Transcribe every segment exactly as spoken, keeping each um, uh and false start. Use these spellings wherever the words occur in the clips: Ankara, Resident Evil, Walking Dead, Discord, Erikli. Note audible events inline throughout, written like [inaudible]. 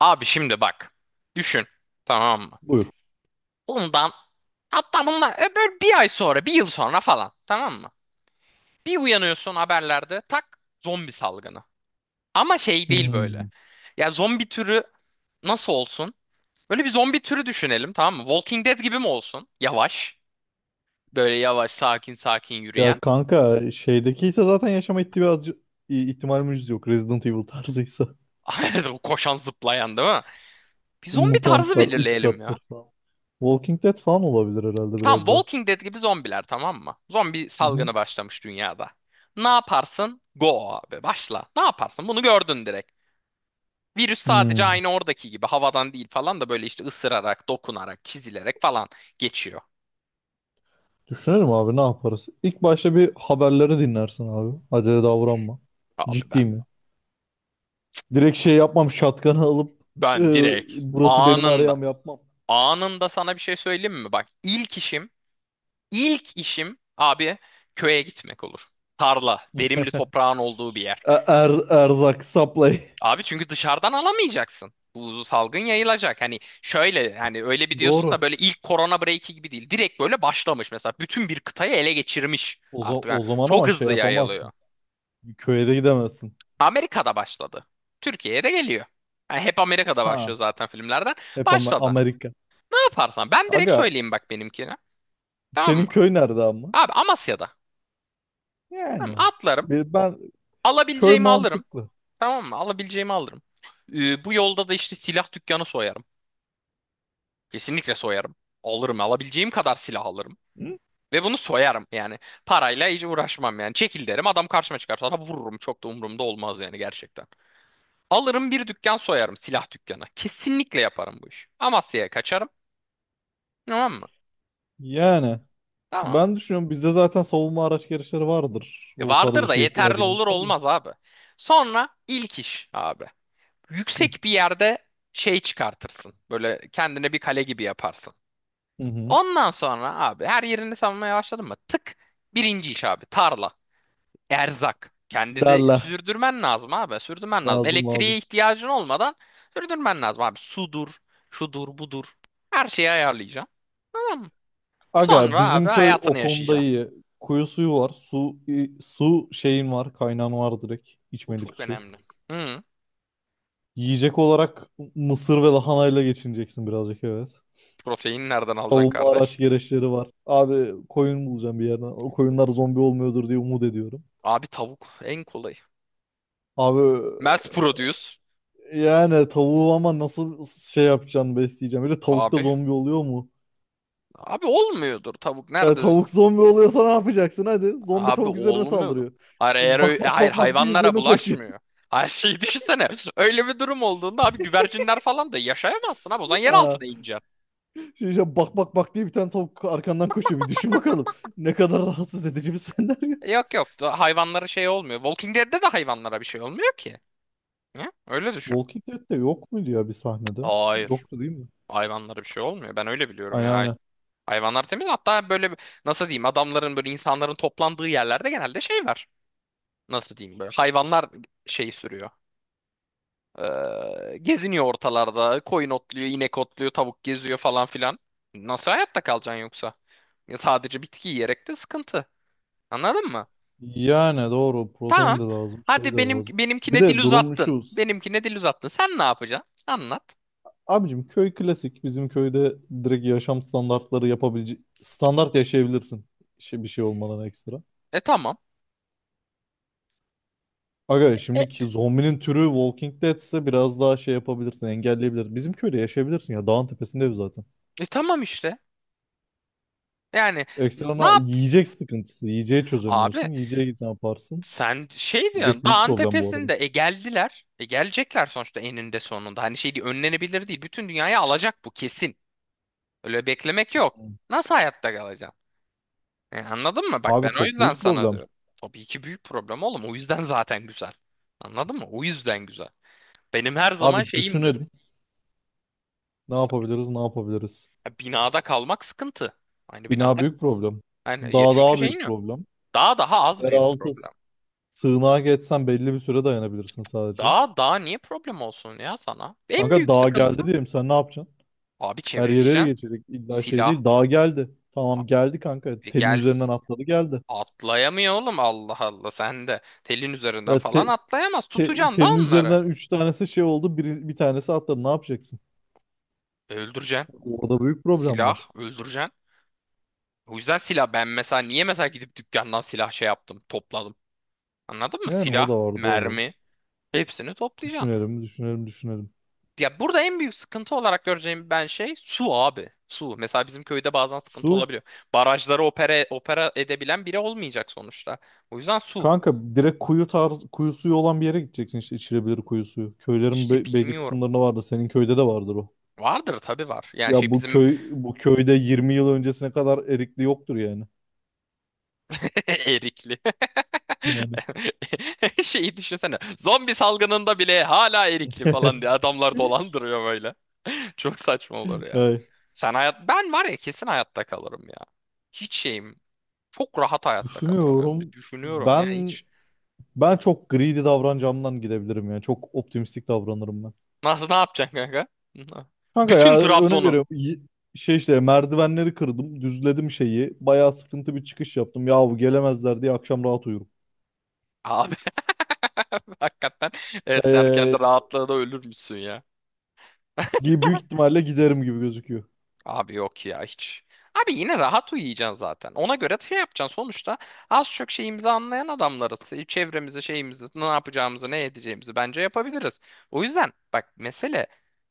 Abi şimdi bak. Düşün. Tamam mı? Buyur. Bundan, hatta bundan e, böyle bir ay sonra, bir yıl sonra falan. Tamam mı? Bir uyanıyorsun haberlerde tak zombi salgını. Ama şey değil böyle. Hmm. Ya zombi türü nasıl olsun? Böyle bir zombi türü düşünelim tamam mı? Walking Dead gibi mi olsun? Yavaş. Böyle yavaş sakin sakin Ya yürüyen. kanka şeydeki ise zaten yaşama ihtimali, ihtimalimiz yok. Resident Evil tarzıysa. [laughs] [laughs] Koşan zıplayan değil mi? Bir zombi tarzı Mutantlar üç belirleyelim kattır ya. falan. Walking Dead falan olabilir herhalde Tam biraz da. Walking Dead gibi zombiler tamam mı? Zombi Hı hı. salgını başlamış dünyada. Ne yaparsın? Go abi başla. Ne yaparsın? Bunu gördün direkt. Virüs sadece Hmm. aynı oradaki gibi havadan değil falan da böyle işte ısırarak, dokunarak, çizilerek falan geçiyor. Düşünelim abi ne yaparız? İlk başta bir haberleri dinlersin abi. Acele davranma. Abi Ciddi ben mi? Direkt şey yapmam şatkanı alıp e, ben direkt burası benim anında arayam yapmam. anında sana bir şey söyleyeyim mi? Bak ilk işim ilk işim abi köye gitmek olur. Tarla, verimli toprağın olduğu bir yer. E- er- erzak supply. [laughs] Abi çünkü dışarıdan alamayacaksın. Bu salgın yayılacak. Hani şöyle hani öyle bir diyorsun da Doğru. böyle ilk korona break'i gibi değil. Direkt böyle başlamış mesela. Bütün bir kıtayı ele geçirmiş O, za- artık. Yani o zaman çok ama şey hızlı yayılıyor. yapamazsın. Köye de gidemezsin. Amerika'da başladı. Türkiye'ye de geliyor. Yani hep Amerika'da Ha. başlıyor zaten filmlerden. Hep ama Başladı. Amerika. Ne yaparsan ben direkt Aga söyleyeyim bak benimkini. Tamam senin mı? köy nerede ama? Abi Amasya'da. Tamam, mı? Yani. Atlarım. Be- Ben köy Alabileceğimi alırım. mantıklı. Tamam mı? Alabileceğimi alırım. Ee, bu yolda da işte silah dükkanı soyarım. Kesinlikle soyarım. Alırım. Alabileceğim kadar silah alırım. Hı? Ve bunu soyarım yani. Parayla hiç uğraşmam yani. Çekil derim, adam karşıma çıkarsa da vururum. Çok da umurumda olmaz yani gerçekten. Alırım, bir dükkan soyarım, silah dükkanı. Kesinlikle yaparım bu işi. Amasya'ya kaçarım. Tamam mı? Yani. Tamam mı? Ben düşünüyorum bizde zaten savunma araç gereçleri vardır. E, O tarz bir vardır da şeye yeterli ihtiyacım olur olmaz mı? olmaz abi. Sonra ilk iş abi. Hı Yüksek bir yerde şey çıkartırsın. Böyle kendine bir kale gibi yaparsın. hı. hı. Ondan sonra abi her yerini savunmaya başladın mı? Tık birinci iş abi, tarla. Erzak. Kendini Derler. sürdürmen lazım abi. Sürdürmen lazım. Lazım Elektriğe lazım. ihtiyacın olmadan sürdürmen lazım abi. Sudur, şudur, budur. Her şeyi ayarlayacaksın. Tamam mı? Aga Sonra abi bizim köy hayatını o konuda yaşayacaksın. iyi. Kuyu suyu var. Su i- su şeyin var. Kaynağın var direkt. Bu İçmelik çok su. önemli. Hı. Yiyecek olarak mısır ve lahanayla geçineceksin birazcık, evet. Proteini nereden alacaksın Savunma kardeş? araç gereçleri var. Abi koyun bulacağım bir yerden. O koyunlar zombi olmuyordur diye umut ediyorum. Abi tavuk en kolayı. Abi Mass produce. yani tavuğu ama nasıl şey yapacaksın, besleyeceğim. Bir de tavuk da Abi. zombi oluyor mu? Abi olmuyordur tavuk. Ya Nerede? tavuk zombi oluyorsa ne yapacaksın hadi. Zombi Abi tavuk üzerine olmuyordu. saldırıyor. Hayır, eğer Bak ö- bak hayır, bak bak diye hayvanlara üzerine koşuyor. bulaşmıyor. [laughs] Her şeyi [laughs] düşünsene. Öyle bir durum olduğunda abi güvercinler falan da yaşayamazsın abi. O zaman yer Ha. altına ineceksin. Şimdi işte bak bak bak diye bir tane tavuk arkandan koşuyor. Bir düşün bakalım. Ne kadar rahatsız edici bir [laughs] senaryo. Yok yok, da hayvanlara şey olmuyor. Walking Dead'de de hayvanlara bir şey olmuyor ki. Ne? Öyle düşün. Walking Dead'de yok muydu ya bir sahnede? Hayır. Yoktu değil mi? Hayvanlara bir şey olmuyor. Ben öyle biliyorum Aynen yani. Hay- aynen. Hayvanlar temiz. Hatta böyle bir- nasıl diyeyim, adamların böyle, insanların toplandığı yerlerde genelde şey var. Nasıl diyeyim, böyle hayvanlar şeyi sürüyor. Ee, geziniyor ortalarda. Koyun otluyor, inek otluyor, tavuk geziyor falan filan. Nasıl hayatta kalacaksın yoksa? Ya sadece bitki yiyerek de sıkıntı. Anladın mı? Yani doğru, Tamam. protein de lazım şey Hadi, de benim lazım. Bir benimkine dil de durum uzattın. şu. Benimkine dil uzattın. Sen ne yapacaksın? Anlat. Abicim köy klasik. Bizim köyde direkt yaşam standartları yapabilecek, standart yaşayabilirsin. Şey, bir şey olmadan ekstra. E, tamam. Aga E, şimdiki zombinin türü Walking Dead ise biraz daha şey yapabilirsin, engelleyebilirsin. Bizim köyde yaşayabilirsin, ya dağın tepesinde ev zaten. e tamam işte. Yani n- ne Ekstrana yap? yiyecek sıkıntısı. Yiyeceği Abi çözemiyorsun. Yiyeceğe git, ne yaparsın? sen şey Yiyecek diyorsun, büyük dağın problem bu arada. tepesinde e geldiler. E, gelecekler sonuçta eninde sonunda. Hani şey değil, önlenebilir değil. Bütün dünyayı alacak bu, kesin. Öyle beklemek yok. Nasıl hayatta kalacaksın? E, anladın mı? Bak, Abi ben o çok yüzden büyük sana problem. diyorum. Tabii ki büyük problem oğlum. O yüzden [laughs] zaten güzel. Anladın mı? O yüzden güzel. Benim her zaman Abi şeyimdir. düşünelim. Ne yapabiliriz, ne yapabiliriz? Ya, binada kalmak sıkıntı. Aynı Bina binada. büyük problem. Yani, ya Dağ çünkü daha şey büyük ne? problem. Daha daha az büyük Yeraltı s- problem. sığınağa geçsen belli bir süre dayanabilirsin sadece. Daha daha niye problem olsun ya sana? En Kanka büyük dağ sıkıntı. geldi diyelim, sen ne yapacaksın? Abi, Her yere ele çevreleyeceksin. geçecek, illa şey Silah. değil. Dağ geldi. A- Tamam geldi kanka. e, Telin Gel. üzerinden atladı, geldi. Atlayamıyor oğlum, Allah Allah. Sen de telin üzerinden Ya falan te- atlayamaz. te- Tutacaksın da telin onları. üzerinden üç tanesi şey oldu. Bir, bir tanesi atladı. Ne yapacaksın? Öldüreceksin. Orada büyük problem var. Silah, öldüreceksin. O yüzden silah, ben mesela niye mesela gidip dükkandan silah şey yaptım, topladım. Anladın mı? Yani o da Silah, var, doğru. mermi, hepsini toplayacaksın. Düşünelim, düşünelim, düşünelim. Ya burada en büyük sıkıntı olarak göreceğim ben şey, su abi. Su. Mesela bizim köyde bazen sıkıntı Su. olabiliyor. Barajları opera, opera edebilen biri olmayacak sonuçta. O yüzden su. Kanka direkt kuyu tarz, kuyu suyu olan bir yere gideceksin, işte içilebilir kuyu suyu. Köylerin İşte be- belli bilmiyorum. kısımlarında vardı. Senin köyde de vardır o. Vardır tabii, var. Yani Ya şey, bu bizim köy bu köyde yirmi yıl öncesine kadar erikli yoktur yani. [laughs] Erikli. Yani. [laughs] Şeyi düşünsene. Zombi salgınında bile hala erikli falan diye [laughs] adamlar dolandırıyor böyle. [laughs] Çok saçma olur ya. Evet. Sen hayat, ben var ya, kesin hayatta kalırım ya. Hiç şeyim. Çok rahat hayatta kalırım, hem de Düşünüyorum. düşünüyorum ya Ben hiç. ben çok greedy davranacağımdan gidebilirim yani. Çok optimistik davranırım ben. Nasıl, ne yapacaksın kanka? [laughs] Kanka Bütün ya örnek Trabzon'u. veriyorum. y- Şey işte merdivenleri kırdım, düzledim şeyi. Bayağı sıkıntı bir çıkış yaptım. Yahu gelemezler diye akşam rahat uyurum. Abi [laughs] hakikaten. Evet, sen Ee, kendi rahatlığına ölür müsün ya? gi- büyük ihtimalle giderim gibi gözüküyor. Abi yok ya hiç. Abi yine rahat uyuyacaksın zaten. Ona göre şey yapacaksın. Sonuçta az çok şeyimizi anlayan adamlarız. Çevremizi, şeyimizi, ne yapacağımızı, ne edeceğimizi bence yapabiliriz. O yüzden bak, mesele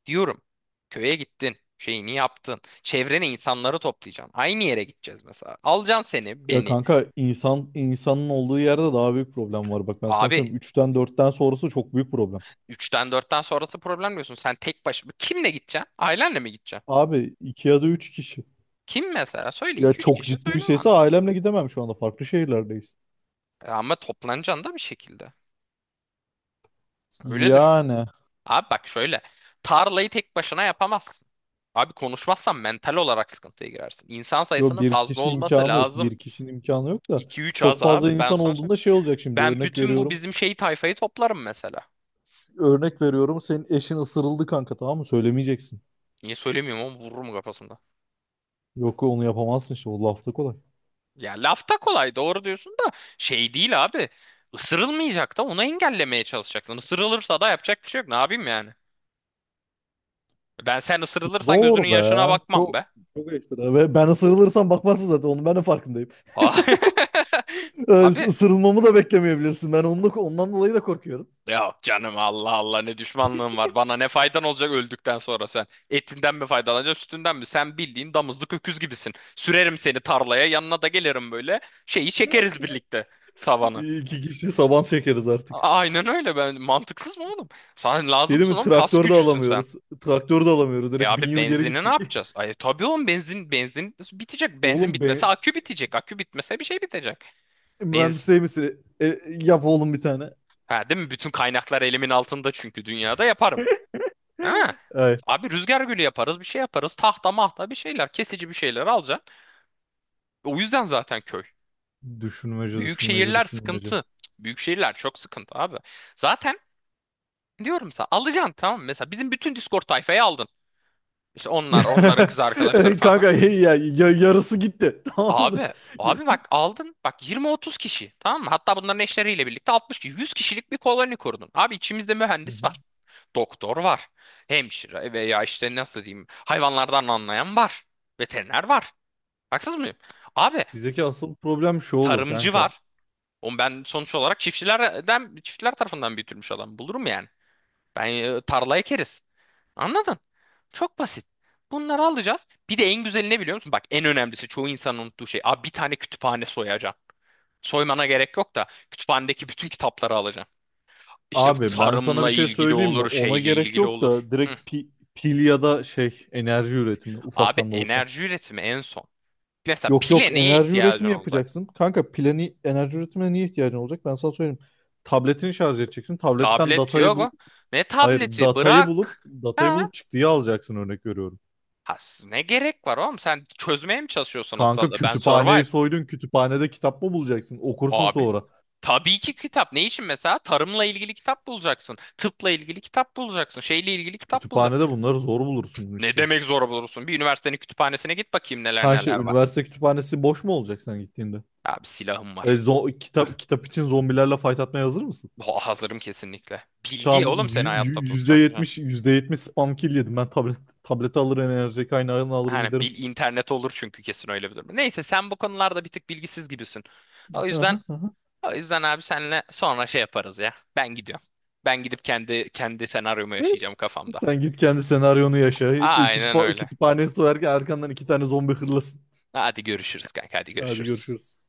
diyorum. Köye gittin. Şeyini yaptın. Çevrene insanları toplayacaksın. Aynı yere gideceğiz mesela. Alacaksın seni, Ya beni. kanka, insan insanın olduğu yerde daha büyük problem var. Bak ben sana Abi söyleyeyim. Üçten dörtten sonrası çok büyük problem. üçten dörtten sonrası problem diyorsun. Sen tek başına. Kimle gideceksin? Ailenle mi gideceksin? Abi iki ya da üç kişi. Kim mesela? Söyle, Ya iki üç çok kişi ciddi bir söyle bana. şeyse ailemle gidemem şu anda. Farklı şehirlerdeyiz. E, ama toplanacaksın da bir şekilde. Öyle düşün. Yani. Abi bak şöyle. Tarlayı tek başına yapamazsın. Abi konuşmazsan mental olarak sıkıntıya girersin. İnsan Yo, sayısının bir fazla kişi olması imkanı yok. lazım. Bir kişinin imkanı yok da. iki üç Çok az fazla abi. Ben insan sana olduğunda söyleyeyim. şey olacak şimdi. Ben Örnek bütün bu veriyorum. bizim şey tayfayı toplarım mesela. Örnek veriyorum. Senin eşin ısırıldı kanka, tamam mı? Söylemeyeceksin. Niye söylemiyorum, ama vururum kafasında. Yok, onu yapamazsın işte. O lafta kolay. Ya lafta kolay doğru diyorsun da şey değil abi. Isırılmayacak da, onu engellemeye çalışacaksın. Isırılırsa da yapacak bir şey yok. Ne yapayım yani? Ben, sen ısırılırsan gözünün Zor yaşına be. bakmam Çok be. çok ekstra. Ve ben ısırılırsam bakmazsın zaten. Onun ben de farkındayım. [laughs] Is- Abi, Isırılmamı da beklemeyebilirsin. Ben onunla, ondan dolayı da korkuyorum. yok canım, Allah Allah, ne düşmanlığın var. Bana ne faydan olacak öldükten sonra sen? Etinden mi faydalanacaksın, sütünden mi? Sen bildiğin damızlık öküz gibisin. Sürerim seni tarlaya, yanına da gelirim böyle. Şeyi çekeriz birlikte, tavanı. İki kişi saban çekeriz A- artık. Aynen öyle, ben mantıksız mı oğlum? Sen Şey değil lazımsın mi? oğlum, kas Traktör de gücüsün sen. alamıyoruz. Traktör de alamıyoruz. E, Direkt bin abi yıl geri benzini ne gittik. yapacağız? [laughs] Ay tabii oğlum, benzin benzin bitecek. Benzin Oğlum, bitmese ben akü bitecek. Akü bitmese bir şey bitecek. Benzin. mühendisliği misin? E, yap oğlum bir tane. Ha, değil mi? Bütün kaynaklar elimin altında çünkü, dünyada yaparım. Ha. [laughs] Ay. Abi rüzgar gülü yaparız, bir şey yaparız. Tahta mahta bir şeyler, kesici bir şeyler alacaksın. O yüzden zaten köy. Düşünmece, Büyük düşünmece, şehirler düşünmece. sıkıntı. Büyük şehirler çok sıkıntı abi. Zaten diyorum sana, alacaksın tamam mı? Mesela bizim bütün Discord tayfayı aldın. İşte onlar, onların kız arkadaşları [laughs] falan. filan. Kanka hey ya, ya- yarısı gitti. [laughs] Tamamdır. Abi, Ya- abi bak aldın. Bak yirmi otuz kişi tamam mı? Hatta bunların eşleriyle birlikte altmış kişi, yüz kişilik bir koloni kurdun. Abi içimizde Hı mühendis hı. var. Doktor var. Hemşire, veya işte nasıl diyeyim, hayvanlardan anlayan var. Veteriner var. Haksız mıyım? Abi Bizdeki asıl problem şu olur tarımcı kanka. var. O ben sonuç olarak çiftçilerden, çiftçiler tarafından büyütülmüş adam. Bulurum yani. Ben, e, tarla ekeriz. Anladın? Çok basit. Bunları alacağız. Bir de en güzeli ne biliyor musun? Bak, en önemlisi çoğu insanın unuttuğu şey. Abi bir tane kütüphane soyacaksın. Soymana gerek yok da, kütüphanedeki bütün kitapları alacaksın. İşte bu, Abi ben sana bir tarımla şey ilgili söyleyeyim mi? olur, Ona şeyle gerek ilgili yok olur. da Hı. direkt pi- pil ya da şey enerji üretimi, Abi ufaktan da olsa. enerji üretimi en son. Mesela Yok yok, pile neye enerji ihtiyacın üretimi olacak? yapacaksın. Kanka plani enerji üretimine niye ihtiyacın olacak? Ben sana söyleyeyim. Tabletini şarj edeceksin. Tabletten Tablet datayı bul. yok. Ne Hayır, tableti? datayı bulup Bırak. datayı Ha? bulup çıktıyı alacaksın, örnek veriyorum. Ha, ne gerek var oğlum? Sen çözmeye mi çalışıyorsun Kanka hastalığı? Ben survive. kütüphaneyi soydun. Kütüphanede kitap mı bulacaksın? Okursun Abi. sonra. Tabii ki kitap. Ne için mesela? Tarımla ilgili kitap bulacaksın. Tıpla ilgili kitap bulacaksın. Şeyle ilgili kitap bulacaksın. Kütüphanede bunları zor bulursun Ne işte. demek zor bulursun? Bir üniversitenin kütüphanesine git bakayım, neler Ha işte, neler var. üniversite kütüphanesi boş mu olacak sen gittiğinde? Abi silahım E, var. zo- Üh, kitap kitap için zombilerle fight atmaya hazır mısın? ha- hazırım kesinlikle. Bilgi Tamam, yü- oğlum, seni yü- hayatta yüzde tutacak. %70 spam kill yedim. Ben tablet tableti alırım, enerji kaynağını alırım, Hani giderim. bil, internet olur çünkü kesin öyle bir durum. Neyse, sen bu konularda bir tık bilgisiz gibisin. O yüzden, Aha, aha. O yüzden abi senle sonra şey yaparız ya. Ben gidiyorum. Ben gidip kendi kendi senaryomu yaşayacağım kafamda. Sen git kendi senaryonu yaşa. Aynen Kütüpha öyle. Kütüphanesi soyarken arkandan iki tane zombi hırlasın. Hadi görüşürüz kanka, hadi Hadi görüşürüz. görüşürüz.